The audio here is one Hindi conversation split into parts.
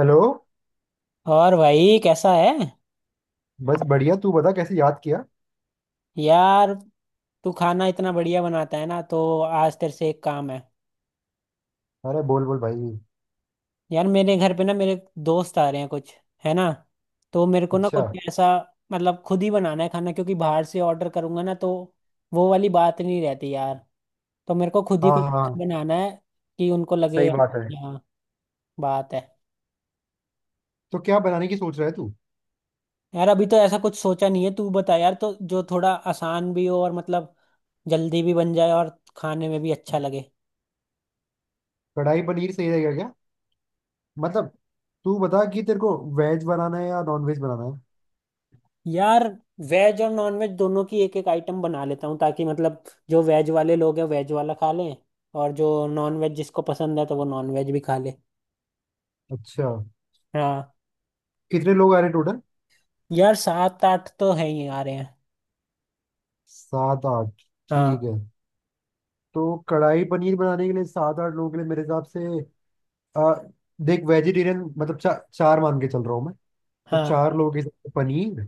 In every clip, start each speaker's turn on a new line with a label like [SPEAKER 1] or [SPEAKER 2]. [SPEAKER 1] हेलो।
[SPEAKER 2] और भाई कैसा है।
[SPEAKER 1] बस बढ़िया, तू बता कैसे याद किया।
[SPEAKER 2] यार, तू खाना इतना बढ़िया बनाता है ना, तो आज तेरे से एक काम है।
[SPEAKER 1] अरे बोल बोल भाई।
[SPEAKER 2] यार, मेरे घर पे ना, मेरे दोस्त आ रहे हैं कुछ, है ना। तो मेरे को ना कुछ
[SPEAKER 1] अच्छा।
[SPEAKER 2] ऐसा, मतलब खुद ही बनाना है खाना, क्योंकि बाहर से ऑर्डर करूंगा ना तो वो वाली बात नहीं रहती यार। तो मेरे को खुद ही
[SPEAKER 1] हाँ
[SPEAKER 2] कुछ
[SPEAKER 1] हाँ हाँ,
[SPEAKER 2] ऐसा बनाना है कि उनको लगे
[SPEAKER 1] सही बात
[SPEAKER 2] यार,
[SPEAKER 1] है।
[SPEAKER 2] यहाँ बात है।
[SPEAKER 1] तो क्या बनाने की सोच रहा है तू?
[SPEAKER 2] यार, अभी तो ऐसा कुछ सोचा नहीं है, तू बता यार, तो जो थोड़ा आसान भी हो और मतलब जल्दी भी बन जाए और खाने में भी अच्छा लगे।
[SPEAKER 1] कढ़ाई पनीर सही रहेगा क्या? मतलब तू बता कि तेरे को वेज बनाना है या नॉन वेज बनाना है।
[SPEAKER 2] यार, वेज और नॉन वेज दोनों की एक एक आइटम बना लेता हूँ, ताकि मतलब जो वेज वाले लोग हैं वेज वाला खा लें, और जो नॉन वेज जिसको पसंद है तो वो नॉन वेज भी खा ले।
[SPEAKER 1] अच्छा,
[SPEAKER 2] हाँ।
[SPEAKER 1] कितने लोग आ रहे टोटल?
[SPEAKER 2] यार, सात आठ तो है ही आ रहे हैं।
[SPEAKER 1] 7 8 ठीक
[SPEAKER 2] हाँ,
[SPEAKER 1] है। तो कढ़ाई पनीर बनाने के लिए 7 8 लोगों के लिए मेरे हिसाब से आ, देख वेजिटेरियन मतलब 4 मान के चल रहा हूँ मैं। तो
[SPEAKER 2] हाँ,
[SPEAKER 1] 4 लोगों के हिसाब से पनीर,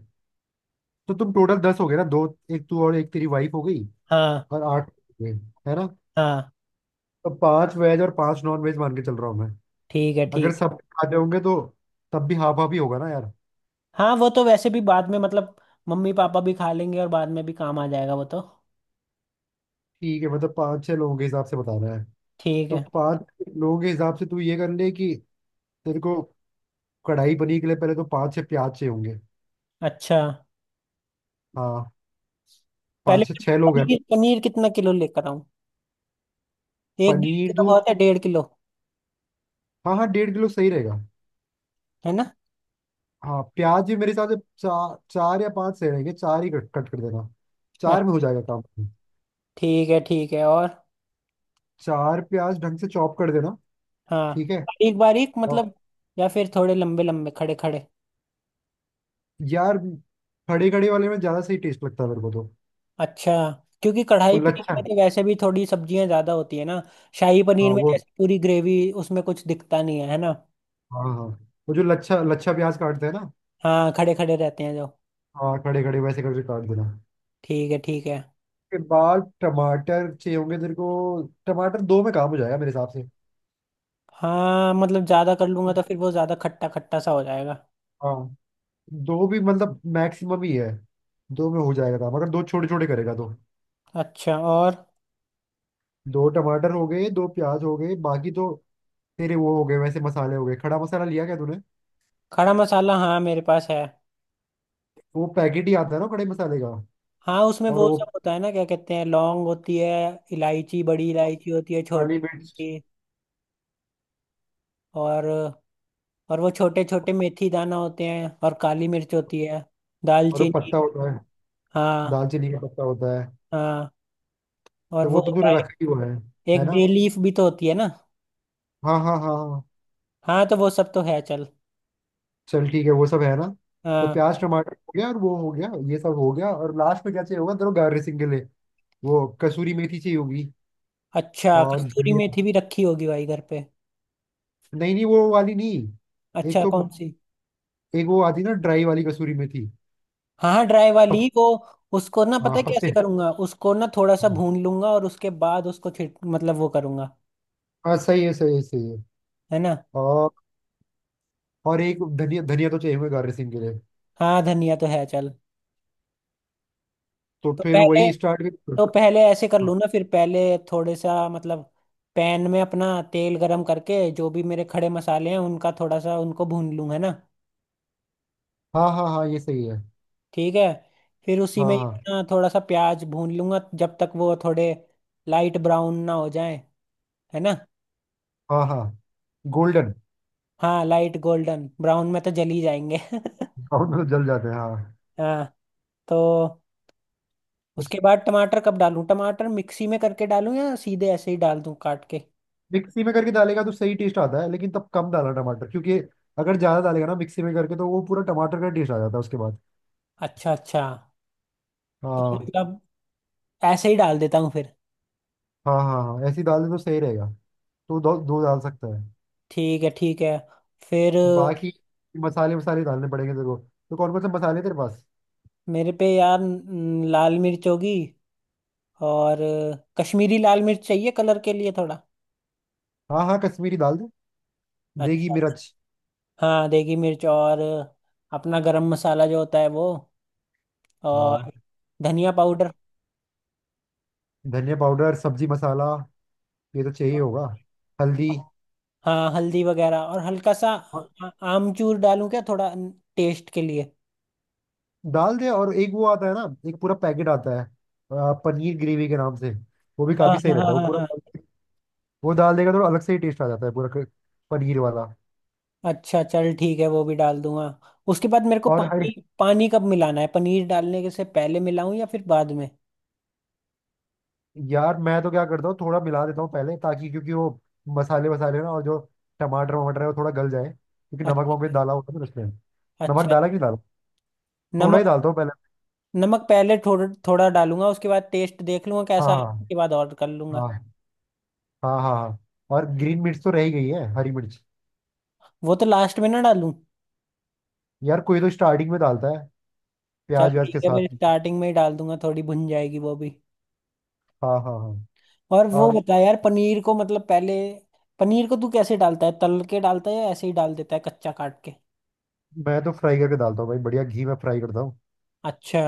[SPEAKER 1] तो तुम टोटल 10 हो गए ना? दो, एक तू और एक तेरी वाइफ हो गई,
[SPEAKER 2] हाँ,
[SPEAKER 1] और 8 वेज, है ना?
[SPEAKER 2] हाँ।
[SPEAKER 1] तो 5 वेज और 5 नॉन वेज मान के चल रहा हूँ मैं।
[SPEAKER 2] ठीक है,
[SPEAKER 1] अगर
[SPEAKER 2] ठीक है।
[SPEAKER 1] सब खाते होंगे तो तब भी हाफ हाफ ही होगा ना यार।
[SPEAKER 2] हाँ, वो तो वैसे भी बाद में मतलब मम्मी पापा भी खा लेंगे और बाद में भी काम आ जाएगा वो तो।
[SPEAKER 1] ठीक है, मतलब 5 6 लोगों के हिसाब से बता रहा है।
[SPEAKER 2] ठीक
[SPEAKER 1] तो
[SPEAKER 2] है।
[SPEAKER 1] 5 लोगों के हिसाब से तू ये कर ले कि तेरे को कढ़ाई पनीर के लिए पहले तो 5 6 प्याज चाहिए होंगे।
[SPEAKER 2] अच्छा,
[SPEAKER 1] हाँ,
[SPEAKER 2] पहले
[SPEAKER 1] पांच से
[SPEAKER 2] तो
[SPEAKER 1] छह लोग हैं।
[SPEAKER 2] पनीर पनीर कितना किलो लेकर आऊँ। एक डेढ़
[SPEAKER 1] पनीर
[SPEAKER 2] किलो
[SPEAKER 1] तू,
[SPEAKER 2] बहुत है, डेढ़ किलो,
[SPEAKER 1] हाँ हाँ 1.5 किलो सही रहेगा।
[SPEAKER 2] है ना।
[SPEAKER 1] हाँ, प्याज भी मेरे हिसाब से 4 4 या 5 सही रहेंगे, चार ही कट कट कर देना।
[SPEAKER 2] अच्छा,
[SPEAKER 1] 4 में हो जाएगा काम।
[SPEAKER 2] ठीक है, ठीक है, और
[SPEAKER 1] 4 प्याज ढंग से चॉप कर देना।
[SPEAKER 2] हाँ।
[SPEAKER 1] ठीक है।
[SPEAKER 2] बारीक बारीक
[SPEAKER 1] और
[SPEAKER 2] मतलब, या फिर थोड़े लंबे लंबे, खड़े खड़े।
[SPEAKER 1] यार, खड़े खड़े वाले में ज्यादा सही टेस्ट लगता है मेरे को तो।
[SPEAKER 2] अच्छा, क्योंकि
[SPEAKER 1] वो
[SPEAKER 2] कढ़ाई पनीर
[SPEAKER 1] लच्छा,
[SPEAKER 2] में तो वैसे भी थोड़ी सब्जियां ज्यादा होती है ना, शाही
[SPEAKER 1] हाँ
[SPEAKER 2] पनीर में
[SPEAKER 1] वो,
[SPEAKER 2] जैसे पूरी ग्रेवी, उसमें कुछ दिखता नहीं है, है ना।
[SPEAKER 1] हाँ हाँ, वो जो लच्छा लच्छा प्याज काटते हैं ना,
[SPEAKER 2] हाँ, खड़े खड़े रहते हैं जो।
[SPEAKER 1] हाँ खड़े खड़े वैसे करके काट देना।
[SPEAKER 2] ठीक है, ठीक है।
[SPEAKER 1] के बाद टमाटर चाहिए होंगे तेरे को। टमाटर 2 में काम हो जाएगा मेरे हिसाब से।
[SPEAKER 2] हाँ, मतलब ज्यादा कर लूंगा तो फिर वो ज्यादा खट्टा खट्टा सा हो जाएगा।
[SPEAKER 1] हाँ, 2 भी मतलब मैक्सिमम ही है। 2 में हो जाएगा काम अगर 2 छोटे छोटे करेगा तो।
[SPEAKER 2] अच्छा, और
[SPEAKER 1] 2 टमाटर हो गए, 2 प्याज हो गए, बाकी तो तेरे वो हो गए, वैसे मसाले हो गए। खड़ा मसाला लिया क्या तूने?
[SPEAKER 2] खड़ा मसाला हाँ, मेरे पास है।
[SPEAKER 1] वो पैकेट ही आता है ना खड़े मसाले का।
[SPEAKER 2] हाँ, उसमें
[SPEAKER 1] और
[SPEAKER 2] वो
[SPEAKER 1] वो
[SPEAKER 2] सब होता है ना, क्या कहते हैं, लौंग होती है, इलायची, बड़ी इलायची होती है, छोटी
[SPEAKER 1] काली मिर्च
[SPEAKER 2] इलायची, और और वो छोटे छोटे मेथी दाना होते हैं, और काली मिर्च होती है,
[SPEAKER 1] और वो
[SPEAKER 2] दालचीनी।
[SPEAKER 1] पत्ता होता है,
[SPEAKER 2] हाँ,
[SPEAKER 1] दालचीनी का पत्ता होता है।
[SPEAKER 2] हाँ। और
[SPEAKER 1] तो
[SPEAKER 2] वो
[SPEAKER 1] वो तो
[SPEAKER 2] होता
[SPEAKER 1] तूने
[SPEAKER 2] है,
[SPEAKER 1] रखा ही हुआ है
[SPEAKER 2] एक
[SPEAKER 1] ना?
[SPEAKER 2] बे लीफ भी तो होती है ना।
[SPEAKER 1] हाँ हाँ हाँ हाँ,
[SPEAKER 2] हाँ, तो वो सब तो है, चल।
[SPEAKER 1] चल ठीक है वो सब है ना। तो
[SPEAKER 2] हाँ।
[SPEAKER 1] प्याज टमाटर हो गया और वो हो गया, ये सब हो गया, और लास्ट में क्या चाहिए होगा तेरे गार्निशिंग के लिए? वो कसूरी मेथी चाहिए होगी।
[SPEAKER 2] अच्छा,
[SPEAKER 1] और
[SPEAKER 2] कस्तूरी
[SPEAKER 1] धनिया,
[SPEAKER 2] मेथी भी रखी होगी भाई घर पे।
[SPEAKER 1] नहीं नहीं वो वाली नहीं। एक
[SPEAKER 2] अच्छा,
[SPEAKER 1] तो,
[SPEAKER 2] कौन सी।
[SPEAKER 1] एक वो आती ना ड्राई वाली कसूरी मेथी।
[SPEAKER 2] हाँ हाँ, ड्राई वाली
[SPEAKER 1] पत,
[SPEAKER 2] वो, उसको ना
[SPEAKER 1] हाँ
[SPEAKER 2] पता है
[SPEAKER 1] पत्ते,
[SPEAKER 2] कैसे करूंगा, उसको ना थोड़ा सा भून लूंगा और उसके बाद उसको छिट मतलब वो करूंगा,
[SPEAKER 1] हाँ सही है सही है सही है।
[SPEAKER 2] है ना।
[SPEAKER 1] और और एक धनिया धनिया तो चाहिए होगा गार्निशिंग के लिए।
[SPEAKER 2] हाँ, धनिया तो है, चल।
[SPEAKER 1] तो
[SPEAKER 2] तो
[SPEAKER 1] फिर
[SPEAKER 2] पहले
[SPEAKER 1] वही स्टार्ट।
[SPEAKER 2] तो पहले ऐसे कर लूँ ना, फिर पहले थोड़े सा मतलब पैन में अपना तेल गरम करके जो भी मेरे खड़े मसाले हैं उनका थोड़ा सा उनको भून लूँ, है ना।
[SPEAKER 1] हाँ हाँ हाँ, ये सही है।
[SPEAKER 2] ठीक है। फिर उसी
[SPEAKER 1] हाँ
[SPEAKER 2] में ही
[SPEAKER 1] हाँ
[SPEAKER 2] अपना थोड़ा सा प्याज भून लूंगा जब तक वो थोड़े लाइट ब्राउन ना हो जाए, है ना।
[SPEAKER 1] हाँ हाँ, गोल्डन
[SPEAKER 2] हाँ, लाइट गोल्डन ब्राउन में तो जल ही जाएंगे
[SPEAKER 1] ब्राउन में तो जल जाते हैं, हाँ।
[SPEAKER 2] हाँ, तो
[SPEAKER 1] उस
[SPEAKER 2] उसके बाद टमाटर कब डालूं, टमाटर मिक्सी में करके डालूं या सीधे ऐसे ही डाल दूं काट के।
[SPEAKER 1] मिक्सी में करके डालेगा तो सही टेस्ट आता है, लेकिन तब कम डालना टमाटर क्योंकि अगर ज्यादा डालेगा ना मिक्सी में करके तो वो पूरा टमाटर का टेस्ट आ जाता है उसके बाद।
[SPEAKER 2] अच्छा, अच्छा, तो
[SPEAKER 1] हाँ
[SPEAKER 2] मतलब ऐसे ही डाल देता हूँ।
[SPEAKER 1] हाँ हाँ हाँ, ऐसी दाल तो सही रहेगा। तो 2 2 डाल सकता है।
[SPEAKER 2] ठीक है, ठीक है। फिर
[SPEAKER 1] बाकी मसाले मसाले डालने पड़ेंगे तेरे को। तो कौन कौन से मसाले हैं तेरे पास?
[SPEAKER 2] मेरे पे यार लाल मिर्च होगी, और कश्मीरी लाल मिर्च चाहिए कलर के लिए थोड़ा।
[SPEAKER 1] हाँ हाँ, कश्मीरी डाल दे। देगी
[SPEAKER 2] अच्छा।
[SPEAKER 1] मिर्च।
[SPEAKER 2] हाँ, देगी मिर्च और अपना गरम मसाला जो होता है वो, और
[SPEAKER 1] हाँ।
[SPEAKER 2] धनिया पाउडर।
[SPEAKER 1] धनिया पाउडर, सब्जी मसाला, ये तो चाहिए होगा, हल्दी।
[SPEAKER 2] हाँ, हल्दी वगैरह और हल्का सा आमचूर डालूं क्या थोड़ा टेस्ट के लिए।
[SPEAKER 1] डाल दे, और एक वो आता है ना, एक पूरा पैकेट आता है पनीर ग्रेवी के नाम से, वो भी
[SPEAKER 2] हाँ,
[SPEAKER 1] काफी सही
[SPEAKER 2] हाँ,
[SPEAKER 1] रहता
[SPEAKER 2] हाँ,
[SPEAKER 1] है वो
[SPEAKER 2] हाँ,
[SPEAKER 1] पूरा।
[SPEAKER 2] हाँ।
[SPEAKER 1] वो डाल देगा तो अलग से ही टेस्ट आ जाता है पूरा, पनीर वाला।
[SPEAKER 2] अच्छा, चल ठीक है, वो भी डाल दूंगा। उसके बाद मेरे को
[SPEAKER 1] और हर
[SPEAKER 2] पानी पानी कब मिलाना है, पनीर डालने के से पहले मिलाऊं या फिर बाद में।
[SPEAKER 1] यार मैं तो क्या करता हूँ थोड़ा मिला देता हूँ पहले ताकि, क्योंकि वो मसाले वसाले ना और जो टमाटर वमाटर है वो थोड़ा गल जाए क्योंकि नमक वमक भी
[SPEAKER 2] अच्छा,
[SPEAKER 1] डाला होता है ना उसमें। नमक
[SPEAKER 2] अच्छा,
[SPEAKER 1] डाला कि नहीं डाला? थोड़ा ही
[SPEAKER 2] नमक।
[SPEAKER 1] डालता हूँ पहले।
[SPEAKER 2] नमक पहले थोड़ा थोड़ा डालूंगा, उसके बाद टेस्ट देख लूंगा कैसा है,
[SPEAKER 1] हाँ
[SPEAKER 2] उसके बाद और कर लूंगा।
[SPEAKER 1] हाँ हाँ, हाँ हाँ हाँ, और ग्रीन मिर्च तो रह ही गई है, हरी मिर्च।
[SPEAKER 2] वो तो लास्ट में ना डालूं।
[SPEAKER 1] यार कोई तो स्टार्टिंग में डालता है
[SPEAKER 2] चल
[SPEAKER 1] प्याज व्याज
[SPEAKER 2] ठीक
[SPEAKER 1] के
[SPEAKER 2] है, मैं
[SPEAKER 1] साथ।
[SPEAKER 2] स्टार्टिंग में ही डाल दूंगा, थोड़ी भुन जाएगी वो भी।
[SPEAKER 1] हाँ हाँ हाँ।
[SPEAKER 2] और वो
[SPEAKER 1] और
[SPEAKER 2] बता यार, पनीर को मतलब पहले, पनीर को तू कैसे डालता है, तल के डालता है या ऐसे ही डाल देता है कच्चा काट के।
[SPEAKER 1] मैं तो फ्राई करके डालता हूँ भाई, बढ़िया घी में फ्राई करता हूँ,
[SPEAKER 2] अच्छा।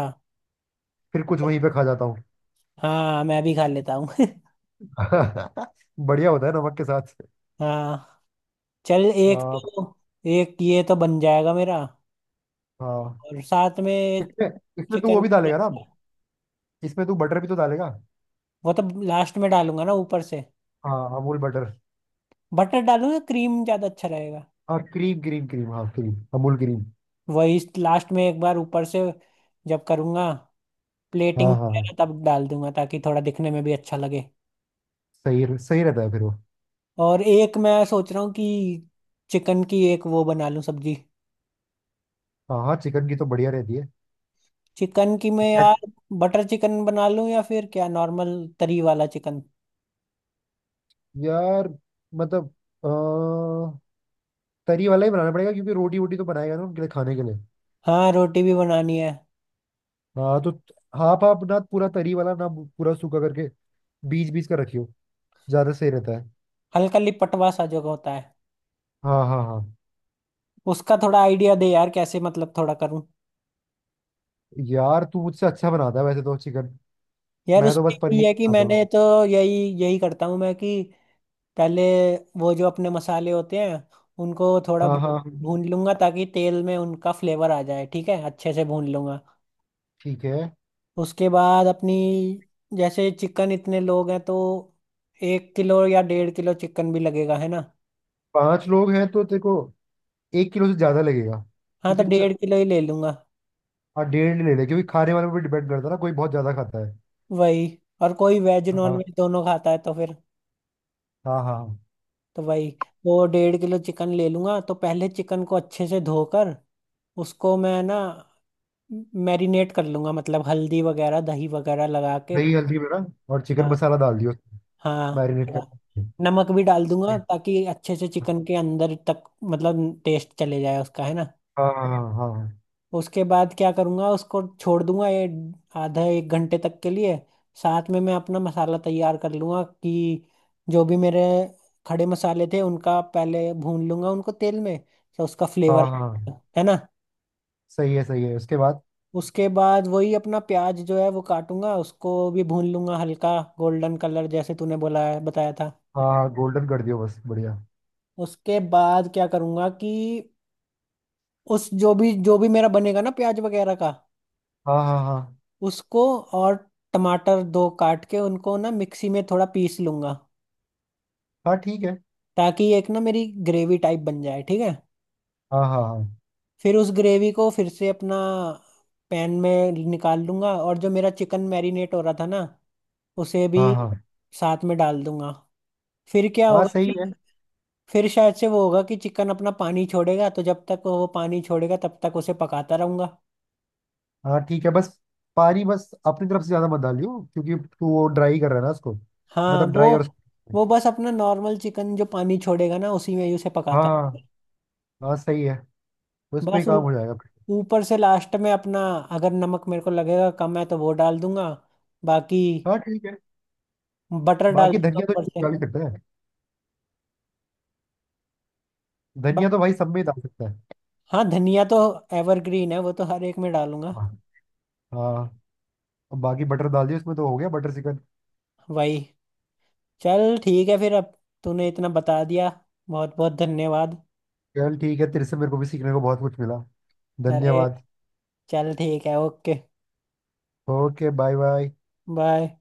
[SPEAKER 1] फिर कुछ वहीं पे खा जाता हूँ।
[SPEAKER 2] हाँ, मैं भी खा लेता हूँ
[SPEAKER 1] बढ़िया होता है नमक के साथ।
[SPEAKER 2] हाँ, चल एक
[SPEAKER 1] आ,
[SPEAKER 2] तो, एक ये तो बन जाएगा मेरा,
[SPEAKER 1] हाँ।
[SPEAKER 2] और साथ में
[SPEAKER 1] इसमें इसमें तू वो
[SPEAKER 2] चिकन।
[SPEAKER 1] भी डालेगा ना? इसमें तू बटर भी तो डालेगा।
[SPEAKER 2] वो तो लास्ट में डालूंगा ना, ऊपर से।
[SPEAKER 1] हाँ अमूल बटर।
[SPEAKER 2] बटर डालूं या क्रीम ज्यादा अच्छा रहेगा।
[SPEAKER 1] हाँ क्रीम क्रीम क्रीम, हाँ क्रीम, अमूल क्रीम।
[SPEAKER 2] वही लास्ट में एक बार ऊपर से, जब करूंगा प्लेटिंग
[SPEAKER 1] हाँ हाँ हाँ,
[SPEAKER 2] वगैरह तब डाल दूंगा, ताकि थोड़ा दिखने में भी अच्छा लगे।
[SPEAKER 1] सही सही रहता है फिर वो।
[SPEAKER 2] और एक मैं सोच रहा हूँ कि चिकन की एक वो बना लूं सब्जी।
[SPEAKER 1] हाँ हाँ, चिकन की तो बढ़िया रहती है।
[SPEAKER 2] चिकन की, मैं यार
[SPEAKER 1] ऐसे-
[SPEAKER 2] बटर चिकन बना लूं या फिर क्या नॉर्मल तरी वाला चिकन।
[SPEAKER 1] यार मतलब अ, तरी वाला ही बनाना पड़ेगा क्योंकि रोटी वोटी तो बनाएगा ना उनके लिए खाने के लिए।
[SPEAKER 2] हाँ, रोटी भी बनानी है।
[SPEAKER 1] हाँ तो हाफ हाफ ना, पूरा तरी वाला ना पूरा सूखा करके, बीच बीच का रखियो, ज्यादा सही रहता है।
[SPEAKER 2] हल्का लिपटवा सा जो होता है,
[SPEAKER 1] हाँ हाँ हाँ,
[SPEAKER 2] उसका थोड़ा आइडिया दे यार, कैसे मतलब थोड़ा करूँ।
[SPEAKER 1] यार तू मुझसे अच्छा बनाता है वैसे तो चिकन,
[SPEAKER 2] यार,
[SPEAKER 1] मैं तो
[SPEAKER 2] उसमें
[SPEAKER 1] बस
[SPEAKER 2] यही
[SPEAKER 1] पनीर
[SPEAKER 2] है कि
[SPEAKER 1] बनाता
[SPEAKER 2] मैंने
[SPEAKER 1] हूँ।
[SPEAKER 2] तो यही यही करता हूँ मैं, कि पहले वो जो अपने मसाले होते हैं उनको थोड़ा
[SPEAKER 1] हाँ
[SPEAKER 2] भून
[SPEAKER 1] हाँ हाँ,
[SPEAKER 2] भून लूंगा ताकि तेल में उनका फ्लेवर आ जाए, ठीक है अच्छे से भून लूंगा।
[SPEAKER 1] ठीक है,
[SPEAKER 2] उसके बाद अपनी, जैसे चिकन, इतने लोग हैं तो एक किलो या डेढ़ किलो चिकन भी लगेगा, है ना।
[SPEAKER 1] पांच लोग हैं तो तेरे को 1 किलो से ज्यादा लगेगा
[SPEAKER 2] हाँ, तो
[SPEAKER 1] क्योंकि
[SPEAKER 2] डेढ़ किलो ही ले लूंगा।
[SPEAKER 1] हाँ डेढ़ ले ले, क्योंकि खाने वाले पर डिपेंड करता है ना, कोई बहुत ज्यादा खाता है।
[SPEAKER 2] वही, और कोई वेज नॉन
[SPEAKER 1] हाँ
[SPEAKER 2] वेज दोनों खाता है तो फिर,
[SPEAKER 1] हाँ हाँ।
[SPEAKER 2] तो वही तो डेढ़ किलो चिकन ले लूंगा। तो पहले चिकन को अच्छे से धोकर उसको मैं ना मैरिनेट कर लूंगा, मतलब हल्दी वगैरह दही वगैरह लगा के।
[SPEAKER 1] दही हल्दी मेरा, और चिकन
[SPEAKER 2] हाँ,
[SPEAKER 1] मसाला डाल दियो,
[SPEAKER 2] हाँ।
[SPEAKER 1] मैरिनेट कर।
[SPEAKER 2] थोड़ा नमक भी डाल दूंगा ताकि अच्छे से चिकन के अंदर तक मतलब टेस्ट चले जाए उसका, है ना।
[SPEAKER 1] हाँ हाँ हाँ हाँ
[SPEAKER 2] उसके बाद क्या करूंगा, उसको छोड़ दूंगा ये आधा एक घंटे तक के लिए। साथ में मैं अपना मसाला तैयार कर लूंगा कि जो भी मेरे खड़े मसाले थे उनका पहले भून लूंगा उनको तेल में, तो उसका
[SPEAKER 1] हाँ
[SPEAKER 2] फ्लेवर,
[SPEAKER 1] हाँ, हाँ।
[SPEAKER 2] है ना।
[SPEAKER 1] सही है सही है, उसके बाद
[SPEAKER 2] उसके बाद वही अपना प्याज जो है वो काटूंगा, उसको भी भून लूंगा, हल्का गोल्डन कलर जैसे तूने बोला है, बताया था।
[SPEAKER 1] हाँ हाँ, गोल्डन कर दियो बस बढ़िया।
[SPEAKER 2] उसके बाद क्या करूंगा कि उस जो भी मेरा बनेगा ना प्याज वगैरह का,
[SPEAKER 1] हाँ हाँ हाँ
[SPEAKER 2] उसको, और टमाटर दो काट के उनको ना मिक्सी में थोड़ा पीस लूंगा
[SPEAKER 1] हाँ ठीक है।
[SPEAKER 2] ताकि एक ना मेरी ग्रेवी टाइप बन जाए, ठीक है।
[SPEAKER 1] हाँ हाँ हाँ
[SPEAKER 2] फिर उस ग्रेवी को फिर से अपना पैन में निकाल लूंगा, और जो मेरा चिकन मैरिनेट हो रहा था ना उसे भी
[SPEAKER 1] हाँ हाँ
[SPEAKER 2] साथ में डाल दूंगा। फिर क्या
[SPEAKER 1] हाँ सही
[SPEAKER 2] होगा,
[SPEAKER 1] है।
[SPEAKER 2] फिर शायद से वो होगा कि चिकन अपना पानी छोड़ेगा, तो जब तक वो पानी छोड़ेगा तब तक उसे पकाता रहूंगा।
[SPEAKER 1] हाँ ठीक है बस, पानी बस अपनी तरफ से ज्यादा मत डालियो क्योंकि तू वो ड्राई कर रहा है ना उसको,
[SPEAKER 2] हाँ,
[SPEAKER 1] मतलब
[SPEAKER 2] वो
[SPEAKER 1] ड्राई और,
[SPEAKER 2] वो बस अपना नॉर्मल चिकन जो पानी छोड़ेगा ना उसी में ही उसे पकाता रहूंगा।
[SPEAKER 1] हाँ हाँ सही है, उस पे ही
[SPEAKER 2] बस
[SPEAKER 1] काम हो जाएगा फिर।
[SPEAKER 2] ऊपर से लास्ट में अपना, अगर नमक मेरे को लगेगा कम है तो वो डाल दूंगा, बाकी
[SPEAKER 1] हाँ ठीक है।
[SPEAKER 2] बटर डाल
[SPEAKER 1] बाकी
[SPEAKER 2] दूंगा
[SPEAKER 1] धनिया तो
[SPEAKER 2] ऊपर से
[SPEAKER 1] डाल ही सकते हैं,
[SPEAKER 2] बस।
[SPEAKER 1] धनिया तो भाई सब में ही डाल सकता है।
[SPEAKER 2] हाँ, धनिया तो एवरग्रीन है, वो तो हर एक में डालूंगा।
[SPEAKER 1] हाँ हाँ, अब बाकी बटर डाल दिया उसमें तो हो गया बटर चिकन।
[SPEAKER 2] वही, चल ठीक है फिर, अब तूने इतना बता दिया, बहुत बहुत धन्यवाद।
[SPEAKER 1] चल ठीक है, तेरे से मेरे को भी सीखने को बहुत कुछ मिला,
[SPEAKER 2] अरे,
[SPEAKER 1] धन्यवाद।
[SPEAKER 2] चल ठीक है, okay
[SPEAKER 1] okay bye bye.
[SPEAKER 2] Bye.